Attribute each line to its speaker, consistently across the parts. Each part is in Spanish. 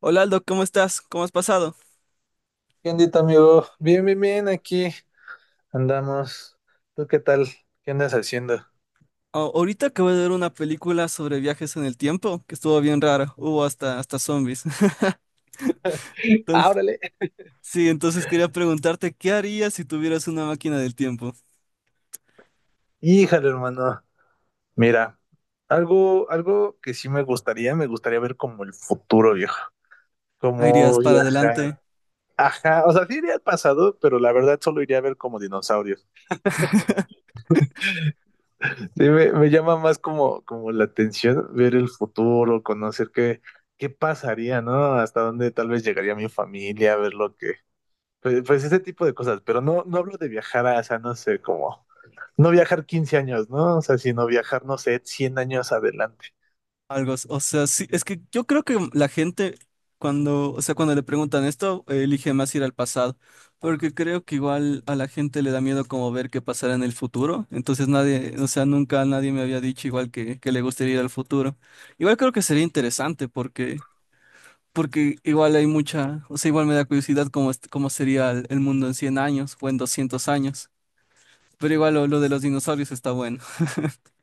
Speaker 1: Hola, Aldo, ¿cómo estás? ¿Cómo has pasado?
Speaker 2: ¿Qué ondita, amigo? Bien, bien, bien, aquí andamos. ¿Tú qué tal? ¿Qué andas haciendo?
Speaker 1: Ahorita acabo de ver una película sobre viajes en el tiempo que estuvo bien rara. Hubo hasta zombies.
Speaker 2: Ah,
Speaker 1: Entonces,
Speaker 2: órale.
Speaker 1: sí, entonces, quería preguntarte, ¿qué harías si tuvieras una máquina del tiempo?
Speaker 2: Híjale, hermano. Mira, algo que sí me gustaría ver como el futuro, viejo.
Speaker 1: ¿Ah, irías
Speaker 2: Como
Speaker 1: para
Speaker 2: viajar.
Speaker 1: adelante?
Speaker 2: Ajá, o sea, sí iría al pasado, pero la verdad solo iría a ver como dinosaurios. Sí, me llama más como, como la atención ver el futuro, conocer qué, qué pasaría, ¿no? Hasta dónde tal vez llegaría mi familia, ver lo que pues, pues ese tipo de cosas, pero no hablo de viajar a, o sea, no sé, como no viajar 15 años, ¿no? O sea, sino viajar, no sé, 100 años adelante.
Speaker 1: Algo, o sea, sí, es que yo creo que la gente cuando, o sea, cuando le preguntan esto, elige más ir al pasado, porque creo que igual a la gente le da miedo como ver qué pasará en el futuro, entonces nadie, o sea, nunca nadie me había dicho igual que le gustaría ir al futuro. Igual creo que sería interesante porque igual hay mucha, o sea, igual me da curiosidad cómo sería el mundo en 100 años o en 200 años, pero igual lo de los dinosaurios está bueno.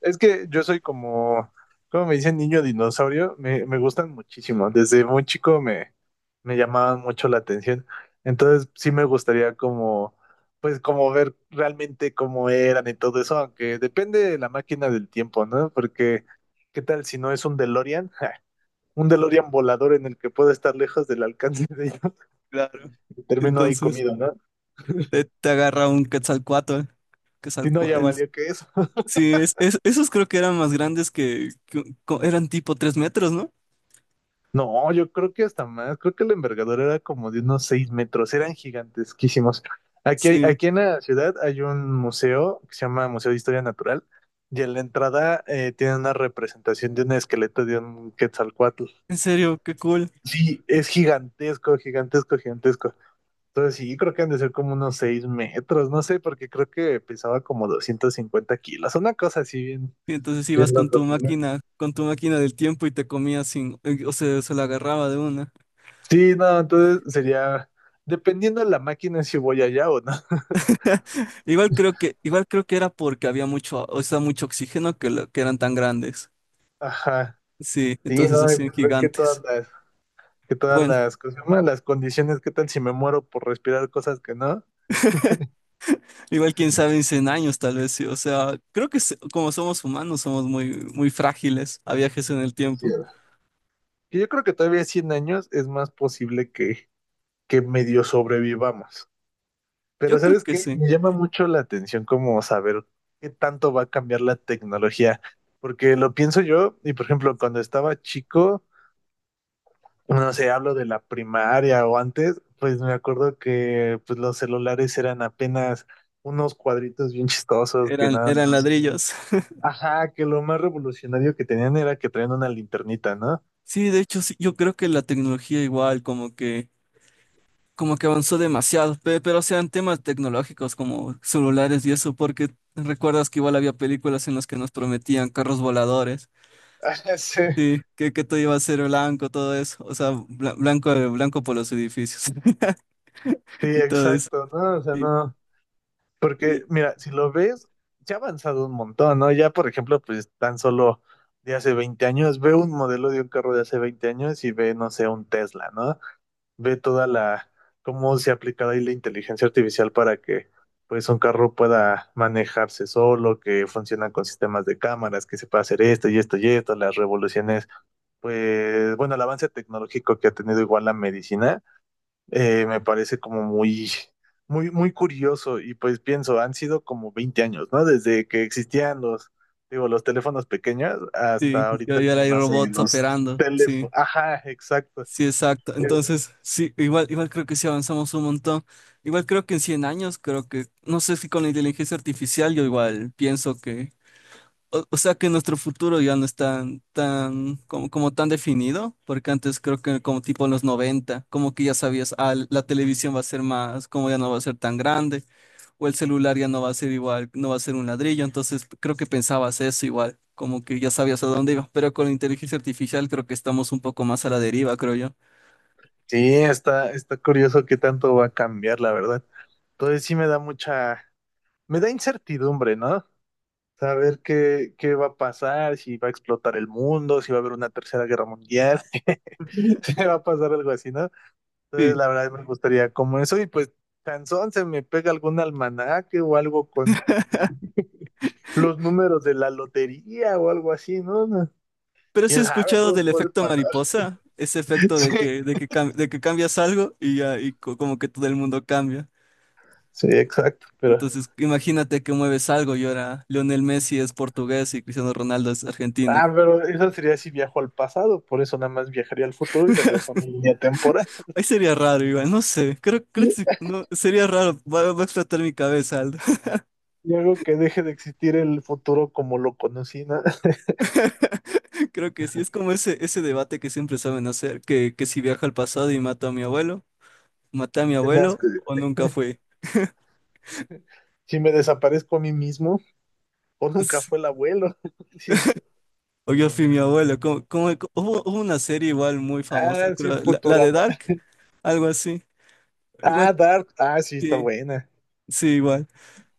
Speaker 2: Es que yo soy como, como me dicen, niño dinosaurio, me gustan muchísimo. Desde muy chico me llamaban mucho la atención. Entonces sí me gustaría como, pues como ver realmente cómo eran y todo eso, aunque depende de la máquina del tiempo, ¿no? Porque, ¿qué tal si no es un DeLorean? Un DeLorean volador en el que puedo estar lejos del alcance de ellos.
Speaker 1: Claro.
Speaker 2: Terminó ahí
Speaker 1: Entonces...
Speaker 2: comido, ¿no?
Speaker 1: Te agarra un quetzalcoatl, ¿eh?
Speaker 2: Si no, ya
Speaker 1: Quetzalcoatl.
Speaker 2: valió que eso.
Speaker 1: Sí, esos creo que eran más grandes que eran tipo 3 metros, ¿no?
Speaker 2: No, yo creo que hasta más, creo que la envergadura era como de unos 6 metros, eran gigantesquísimos. Aquí,
Speaker 1: Sí,
Speaker 2: aquí en la ciudad hay un museo que se llama Museo de Historia Natural, y en la entrada tiene una representación de un esqueleto de un Quetzalcóatl.
Speaker 1: en serio, qué cool.
Speaker 2: Sí, es gigantesco, gigantesco, gigantesco. Entonces sí, creo que han de ser como unos 6 metros, no sé, porque creo que pesaba como 250 kilos, una cosa así bien,
Speaker 1: Y entonces ibas
Speaker 2: bien loco, ¿no?
Speaker 1: con tu máquina del tiempo y te comías sin, o sea, se la agarraba de una.
Speaker 2: Sí, no, entonces sería, dependiendo de la máquina, si voy allá o no.
Speaker 1: Igual creo que era porque había mucho, o sea, mucho oxígeno que eran tan grandes.
Speaker 2: Ajá,
Speaker 1: Sí,
Speaker 2: sí,
Speaker 1: entonces
Speaker 2: no, y
Speaker 1: hacían
Speaker 2: pues ver
Speaker 1: gigantes.
Speaker 2: que todas
Speaker 1: Bueno.
Speaker 2: las cosas, bueno, las condiciones, qué tal si me muero por respirar cosas que no.
Speaker 1: Igual quién sabe, en 100 años tal vez sí, o sea, como somos humanos somos muy frágiles a viajes en el
Speaker 2: No
Speaker 1: tiempo.
Speaker 2: quiero. Que Yo creo que todavía 100 años es más posible que medio sobrevivamos.
Speaker 1: Yo
Speaker 2: Pero
Speaker 1: creo
Speaker 2: ¿sabes
Speaker 1: que
Speaker 2: qué?
Speaker 1: sí,
Speaker 2: Me llama mucho la atención como saber qué tanto va a cambiar la tecnología. Porque lo pienso yo, y por ejemplo, cuando estaba chico, no sé, hablo de la primaria o antes, pues me acuerdo que pues los celulares eran apenas unos cuadritos bien chistosos que
Speaker 1: eran,
Speaker 2: nada
Speaker 1: eran
Speaker 2: más.
Speaker 1: ladrillos.
Speaker 2: Ajá, que lo más revolucionario que tenían era que traían una linternita, ¿no?
Speaker 1: Sí, de hecho sí, yo creo que la tecnología igual como que avanzó demasiado, pero sean temas tecnológicos como celulares y eso, porque recuerdas que igual había películas en las que nos prometían carros voladores,
Speaker 2: Ajá, sí,
Speaker 1: sí, que todo iba a ser blanco, todo eso, o sea, blanco por los edificios.
Speaker 2: sí,
Speaker 1: Y todo eso.
Speaker 2: exacto, ¿no? O sea, no, porque
Speaker 1: Sí.
Speaker 2: mira, si lo ves, ya ha avanzado un montón, ¿no? Ya, por ejemplo, pues tan solo de hace 20 años, ve un modelo de un carro de hace 20 años y ve, no sé, un Tesla, ¿no? Ve toda la, cómo se ha aplicado ahí la inteligencia artificial para que pues un carro pueda manejarse solo, que funciona con sistemas de cámaras, que se pueda hacer esto y esto y esto, las revoluciones, pues bueno, el avance tecnológico que ha tenido igual la medicina, me parece como muy, muy, muy curioso y pues pienso, han sido como 20 años, ¿no? Desde que existían los, digo, los teléfonos pequeños
Speaker 1: Sí,
Speaker 2: hasta
Speaker 1: ya
Speaker 2: ahorita
Speaker 1: ya
Speaker 2: que
Speaker 1: hay
Speaker 2: no sé,
Speaker 1: robots
Speaker 2: los
Speaker 1: operando, sí,
Speaker 2: teléfonos, ajá, exacto.
Speaker 1: sí, exacto. Entonces, sí, igual creo que sí avanzamos un montón. Igual creo que en 100 años, creo que, no sé si con la inteligencia artificial, yo igual pienso que o sea que nuestro futuro ya no es tan, tan, como, como tan definido, porque antes creo que como tipo en los 90 como que ya sabías, ah, la televisión va a ser más, como ya no va a ser tan grande, o el celular ya no va a ser igual, no va a ser un ladrillo, entonces creo que pensabas eso igual, como que ya sabías a dónde iba, pero con la inteligencia artificial creo que estamos un poco más a la deriva, creo yo.
Speaker 2: Sí, está, está curioso qué tanto va a cambiar, la verdad. Entonces sí me da mucha, me da incertidumbre, ¿no? Saber qué, qué va a pasar, si va a explotar el mundo, si va a haber una tercera guerra mundial, si va a pasar algo así, ¿no? Entonces
Speaker 1: Sí.
Speaker 2: la verdad me gustaría como eso y pues cansón se me pega algún almanaque o algo con los números de la lotería o algo así, ¿no? No,
Speaker 1: Pero sí
Speaker 2: ¿quién
Speaker 1: he
Speaker 2: sabe?
Speaker 1: escuchado
Speaker 2: Todo
Speaker 1: del
Speaker 2: puede
Speaker 1: efecto
Speaker 2: pasar.
Speaker 1: mariposa, ese efecto
Speaker 2: Sí,
Speaker 1: de que cambias algo y ya, y como que todo el mundo cambia.
Speaker 2: sí, exacto, pero
Speaker 1: Entonces, imagínate que mueves algo y ahora Lionel Messi es portugués y Cristiano Ronaldo es argentino.
Speaker 2: ah, pero eso sería si viajo al pasado, por eso nada más viajaría al futuro y regreso a mi línea temporal.
Speaker 1: Ahí sería raro, igual, no sé, creo que sí, no, sería raro, va, va a explotar mi cabeza, Aldo.
Speaker 2: Y hago que deje de existir el futuro como lo conocí, ¿no?
Speaker 1: Creo que sí, es como ese debate que siempre saben hacer, que si viajo al pasado y mato a mi abuelo, maté a mi
Speaker 2: Nada más
Speaker 1: abuelo
Speaker 2: que
Speaker 1: o nunca fui.
Speaker 2: si me desaparezco a mí mismo, o nunca fue el abuelo. Dice,
Speaker 1: O yo fui mi abuelo, hubo una serie igual muy famosa,
Speaker 2: ah, sí,
Speaker 1: creo, la de
Speaker 2: Futurama.
Speaker 1: Dark, algo así,
Speaker 2: Ah,
Speaker 1: igual,
Speaker 2: Dark. Ah, sí, está
Speaker 1: sí,
Speaker 2: buena.
Speaker 1: sí, igual.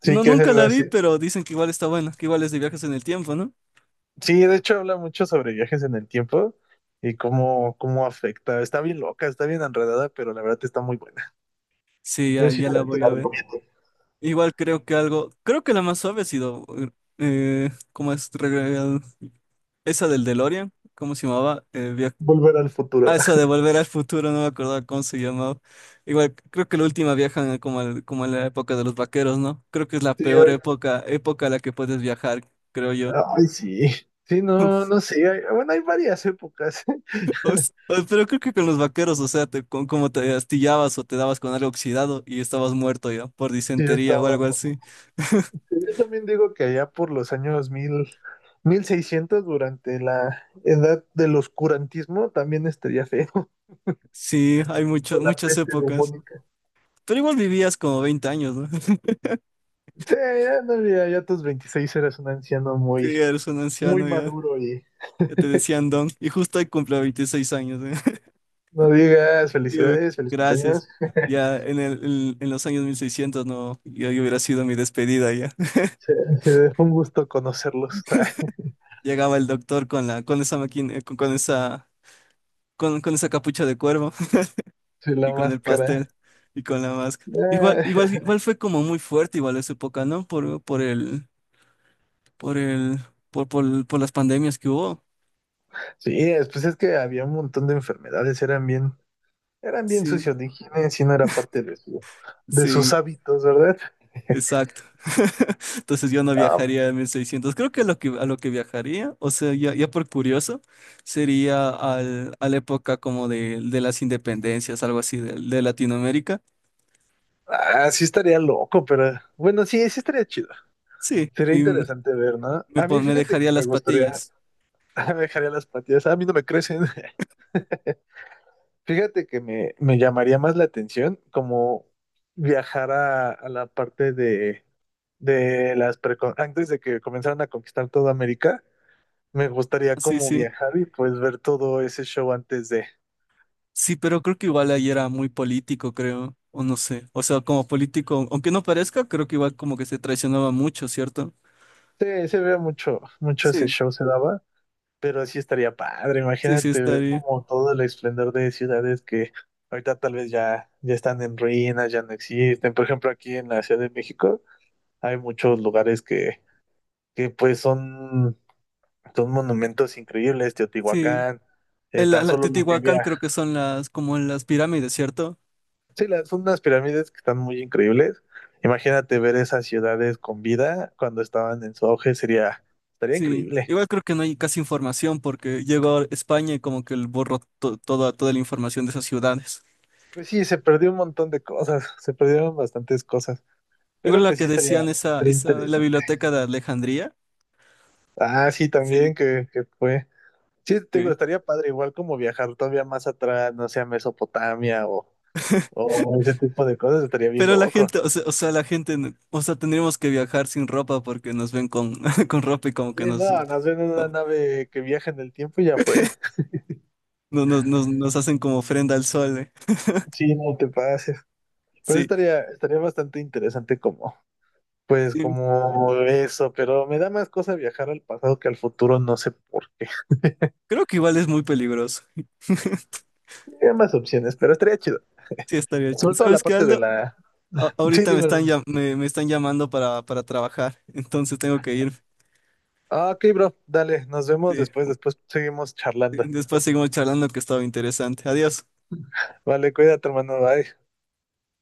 Speaker 2: Sí,
Speaker 1: No,
Speaker 2: que es
Speaker 1: nunca
Speaker 2: algo
Speaker 1: la
Speaker 2: así.
Speaker 1: vi, pero dicen que igual está buena, que igual es de viajes en el tiempo, ¿no?
Speaker 2: Sí, de hecho habla mucho sobre viajes en el tiempo y cómo, cómo afecta. Está bien loca, está bien enredada, pero la verdad está muy buena.
Speaker 1: Sí,
Speaker 2: Yo
Speaker 1: ya,
Speaker 2: sí
Speaker 1: ya
Speaker 2: te
Speaker 1: la
Speaker 2: te
Speaker 1: voy a
Speaker 2: la
Speaker 1: ver.
Speaker 2: recomiendo.
Speaker 1: Igual creo que algo, creo que la más suave ha sido, ¿cómo es? Esa del DeLorean, ¿cómo se llamaba?
Speaker 2: Volver al
Speaker 1: Ah,
Speaker 2: futuro.
Speaker 1: esa de Volver al Futuro, no me acordaba cómo se llamaba. Igual creo que la última viajan como, como en la época de los vaqueros, ¿no? Creo que es la
Speaker 2: Sí,
Speaker 1: peor época, época a la que puedes viajar, creo yo.
Speaker 2: ay, sí. Sí, no, no sé. Bueno, hay varias épocas.
Speaker 1: Pero creo que con los vaqueros, o sea, te, con, como te astillabas o te dabas con algo oxidado y estabas muerto ya por
Speaker 2: Sí,
Speaker 1: disentería o
Speaker 2: estaban.
Speaker 1: algo así.
Speaker 2: Yo también digo que allá por los años 1600 durante la edad del oscurantismo, también estaría feo.
Speaker 1: Sí, hay
Speaker 2: O
Speaker 1: mucho,
Speaker 2: la
Speaker 1: muchas
Speaker 2: peste
Speaker 1: épocas.
Speaker 2: bubónica.
Speaker 1: Pero igual vivías como 20 años, ¿no?
Speaker 2: Sí, ya, no, ya, ya a tus 26 eras un anciano
Speaker 1: Sí,
Speaker 2: muy,
Speaker 1: eres un
Speaker 2: muy
Speaker 1: anciano ya.
Speaker 2: maduro y
Speaker 1: Ya te decían don. Y justo hoy cumple 26 años, ¿eh?
Speaker 2: no digas
Speaker 1: Yo-
Speaker 2: felicidades, feliz
Speaker 1: Gracias.
Speaker 2: cumpleaños.
Speaker 1: Ya en los años 1600, no, yo hubiera sido mi despedida ya.
Speaker 2: Se, se fue un gusto conocerlos. Ay,
Speaker 1: Llegaba el doctor con la, con esa máquina, con esa, con esa capucha de cuervo.
Speaker 2: sí, la
Speaker 1: Y con el pastel
Speaker 2: máscara.
Speaker 1: y con la máscara. Igual, igual,
Speaker 2: Ah,
Speaker 1: igual fue como muy fuerte, igual esa época, ¿no? Por el, por el, por las pandemias que hubo.
Speaker 2: sí, pues es que había un montón de enfermedades, eran bien
Speaker 1: Sí,
Speaker 2: sucios de higiene, si no era parte de su, de sus
Speaker 1: sí,
Speaker 2: hábitos, ¿verdad?
Speaker 1: exacto. Entonces yo no
Speaker 2: Ah,
Speaker 1: viajaría a 1600. Creo que a lo que viajaría, o sea, ya por curioso, sería a la época como de las independencias, algo así de Latinoamérica.
Speaker 2: ah, sí estaría loco, pero bueno, sí, sí estaría chido.
Speaker 1: Sí,
Speaker 2: Sería
Speaker 1: y
Speaker 2: interesante ver, ¿no?
Speaker 1: me,
Speaker 2: A mí
Speaker 1: me
Speaker 2: fíjate que
Speaker 1: dejaría
Speaker 2: me
Speaker 1: las
Speaker 2: gustaría,
Speaker 1: patillas.
Speaker 2: me dejaría las patillas, a mí no me crecen. Fíjate que me llamaría más la atención como viajar a la parte de las antes de que comenzaran a conquistar toda América. Me gustaría
Speaker 1: Sí,
Speaker 2: como
Speaker 1: sí.
Speaker 2: viajar y pues ver todo ese show antes de...
Speaker 1: Sí, pero creo que igual ahí era muy político, creo, o no sé. O sea, como político, aunque no parezca, creo que igual como que se traicionaba mucho, ¿cierto?
Speaker 2: Sí, se ve mucho, mucho ese
Speaker 1: Sí,
Speaker 2: show se daba, pero sí estaría padre.
Speaker 1: sí,
Speaker 2: Imagínate ver
Speaker 1: estaría.
Speaker 2: como todo el esplendor de ciudades que ahorita tal vez ya, ya están en ruinas, ya no existen. Por ejemplo, aquí en la Ciudad de México hay muchos lugares que pues son, son monumentos increíbles,
Speaker 1: Sí,
Speaker 2: Teotihuacán,
Speaker 1: en la,
Speaker 2: tan
Speaker 1: la
Speaker 2: solo lo que
Speaker 1: Teotihuacán
Speaker 2: había.
Speaker 1: creo que son las, como en las pirámides, ¿cierto?
Speaker 2: Sí, son unas pirámides que están muy increíbles. Imagínate ver esas ciudades con vida cuando estaban en su auge, sería, estaría
Speaker 1: Sí,
Speaker 2: increíble.
Speaker 1: igual creo que no hay casi información porque llegó a España y como que el borró toda, toda la información de esas ciudades.
Speaker 2: Pues sí, se perdió un montón de cosas, se perdieron bastantes cosas,
Speaker 1: Igual
Speaker 2: pero
Speaker 1: la
Speaker 2: pues sí
Speaker 1: que
Speaker 2: estaría,
Speaker 1: decían esa,
Speaker 2: estaría
Speaker 1: esa, la
Speaker 2: interesante.
Speaker 1: biblioteca de Alejandría.
Speaker 2: Ah, sí,
Speaker 1: Sí.
Speaker 2: también que fue. Sí, te digo,
Speaker 1: Ok.
Speaker 2: estaría padre, igual como viajar todavía más atrás, no sé, a Mesopotamia o ese tipo de cosas, estaría bien
Speaker 1: Pero la
Speaker 2: loco.
Speaker 1: gente, o sea, la gente, tendríamos que viajar sin ropa porque nos ven con, con ropa y como
Speaker 2: Sí,
Speaker 1: que nos,
Speaker 2: no, nos ven en una nave que viaja en el tiempo y ya fue.
Speaker 1: nos hacen como ofrenda al sol, eh.
Speaker 2: Sí, no te pases. Pero sí
Speaker 1: Sí,
Speaker 2: estaría, estaría bastante interesante como, pues,
Speaker 1: sí.
Speaker 2: como eso, pero me da más cosa viajar al pasado que al futuro, no sé por qué.
Speaker 1: Creo que igual es muy peligroso.
Speaker 2: Hay más opciones, pero estaría chido.
Speaker 1: Sí, estaría.
Speaker 2: Sobre todo la
Speaker 1: ¿Sabes qué,
Speaker 2: parte de
Speaker 1: Aldo?
Speaker 2: la... Sí,
Speaker 1: Ahorita me
Speaker 2: dime,
Speaker 1: están,
Speaker 2: hermano.
Speaker 1: me están llamando para trabajar, entonces tengo que ir.
Speaker 2: Ah, ok, bro, dale, nos vemos
Speaker 1: Sí.
Speaker 2: después, después seguimos
Speaker 1: Sí.
Speaker 2: charlando.
Speaker 1: Después seguimos charlando, que estaba interesante. Adiós.
Speaker 2: Vale, cuídate, hermano, bye.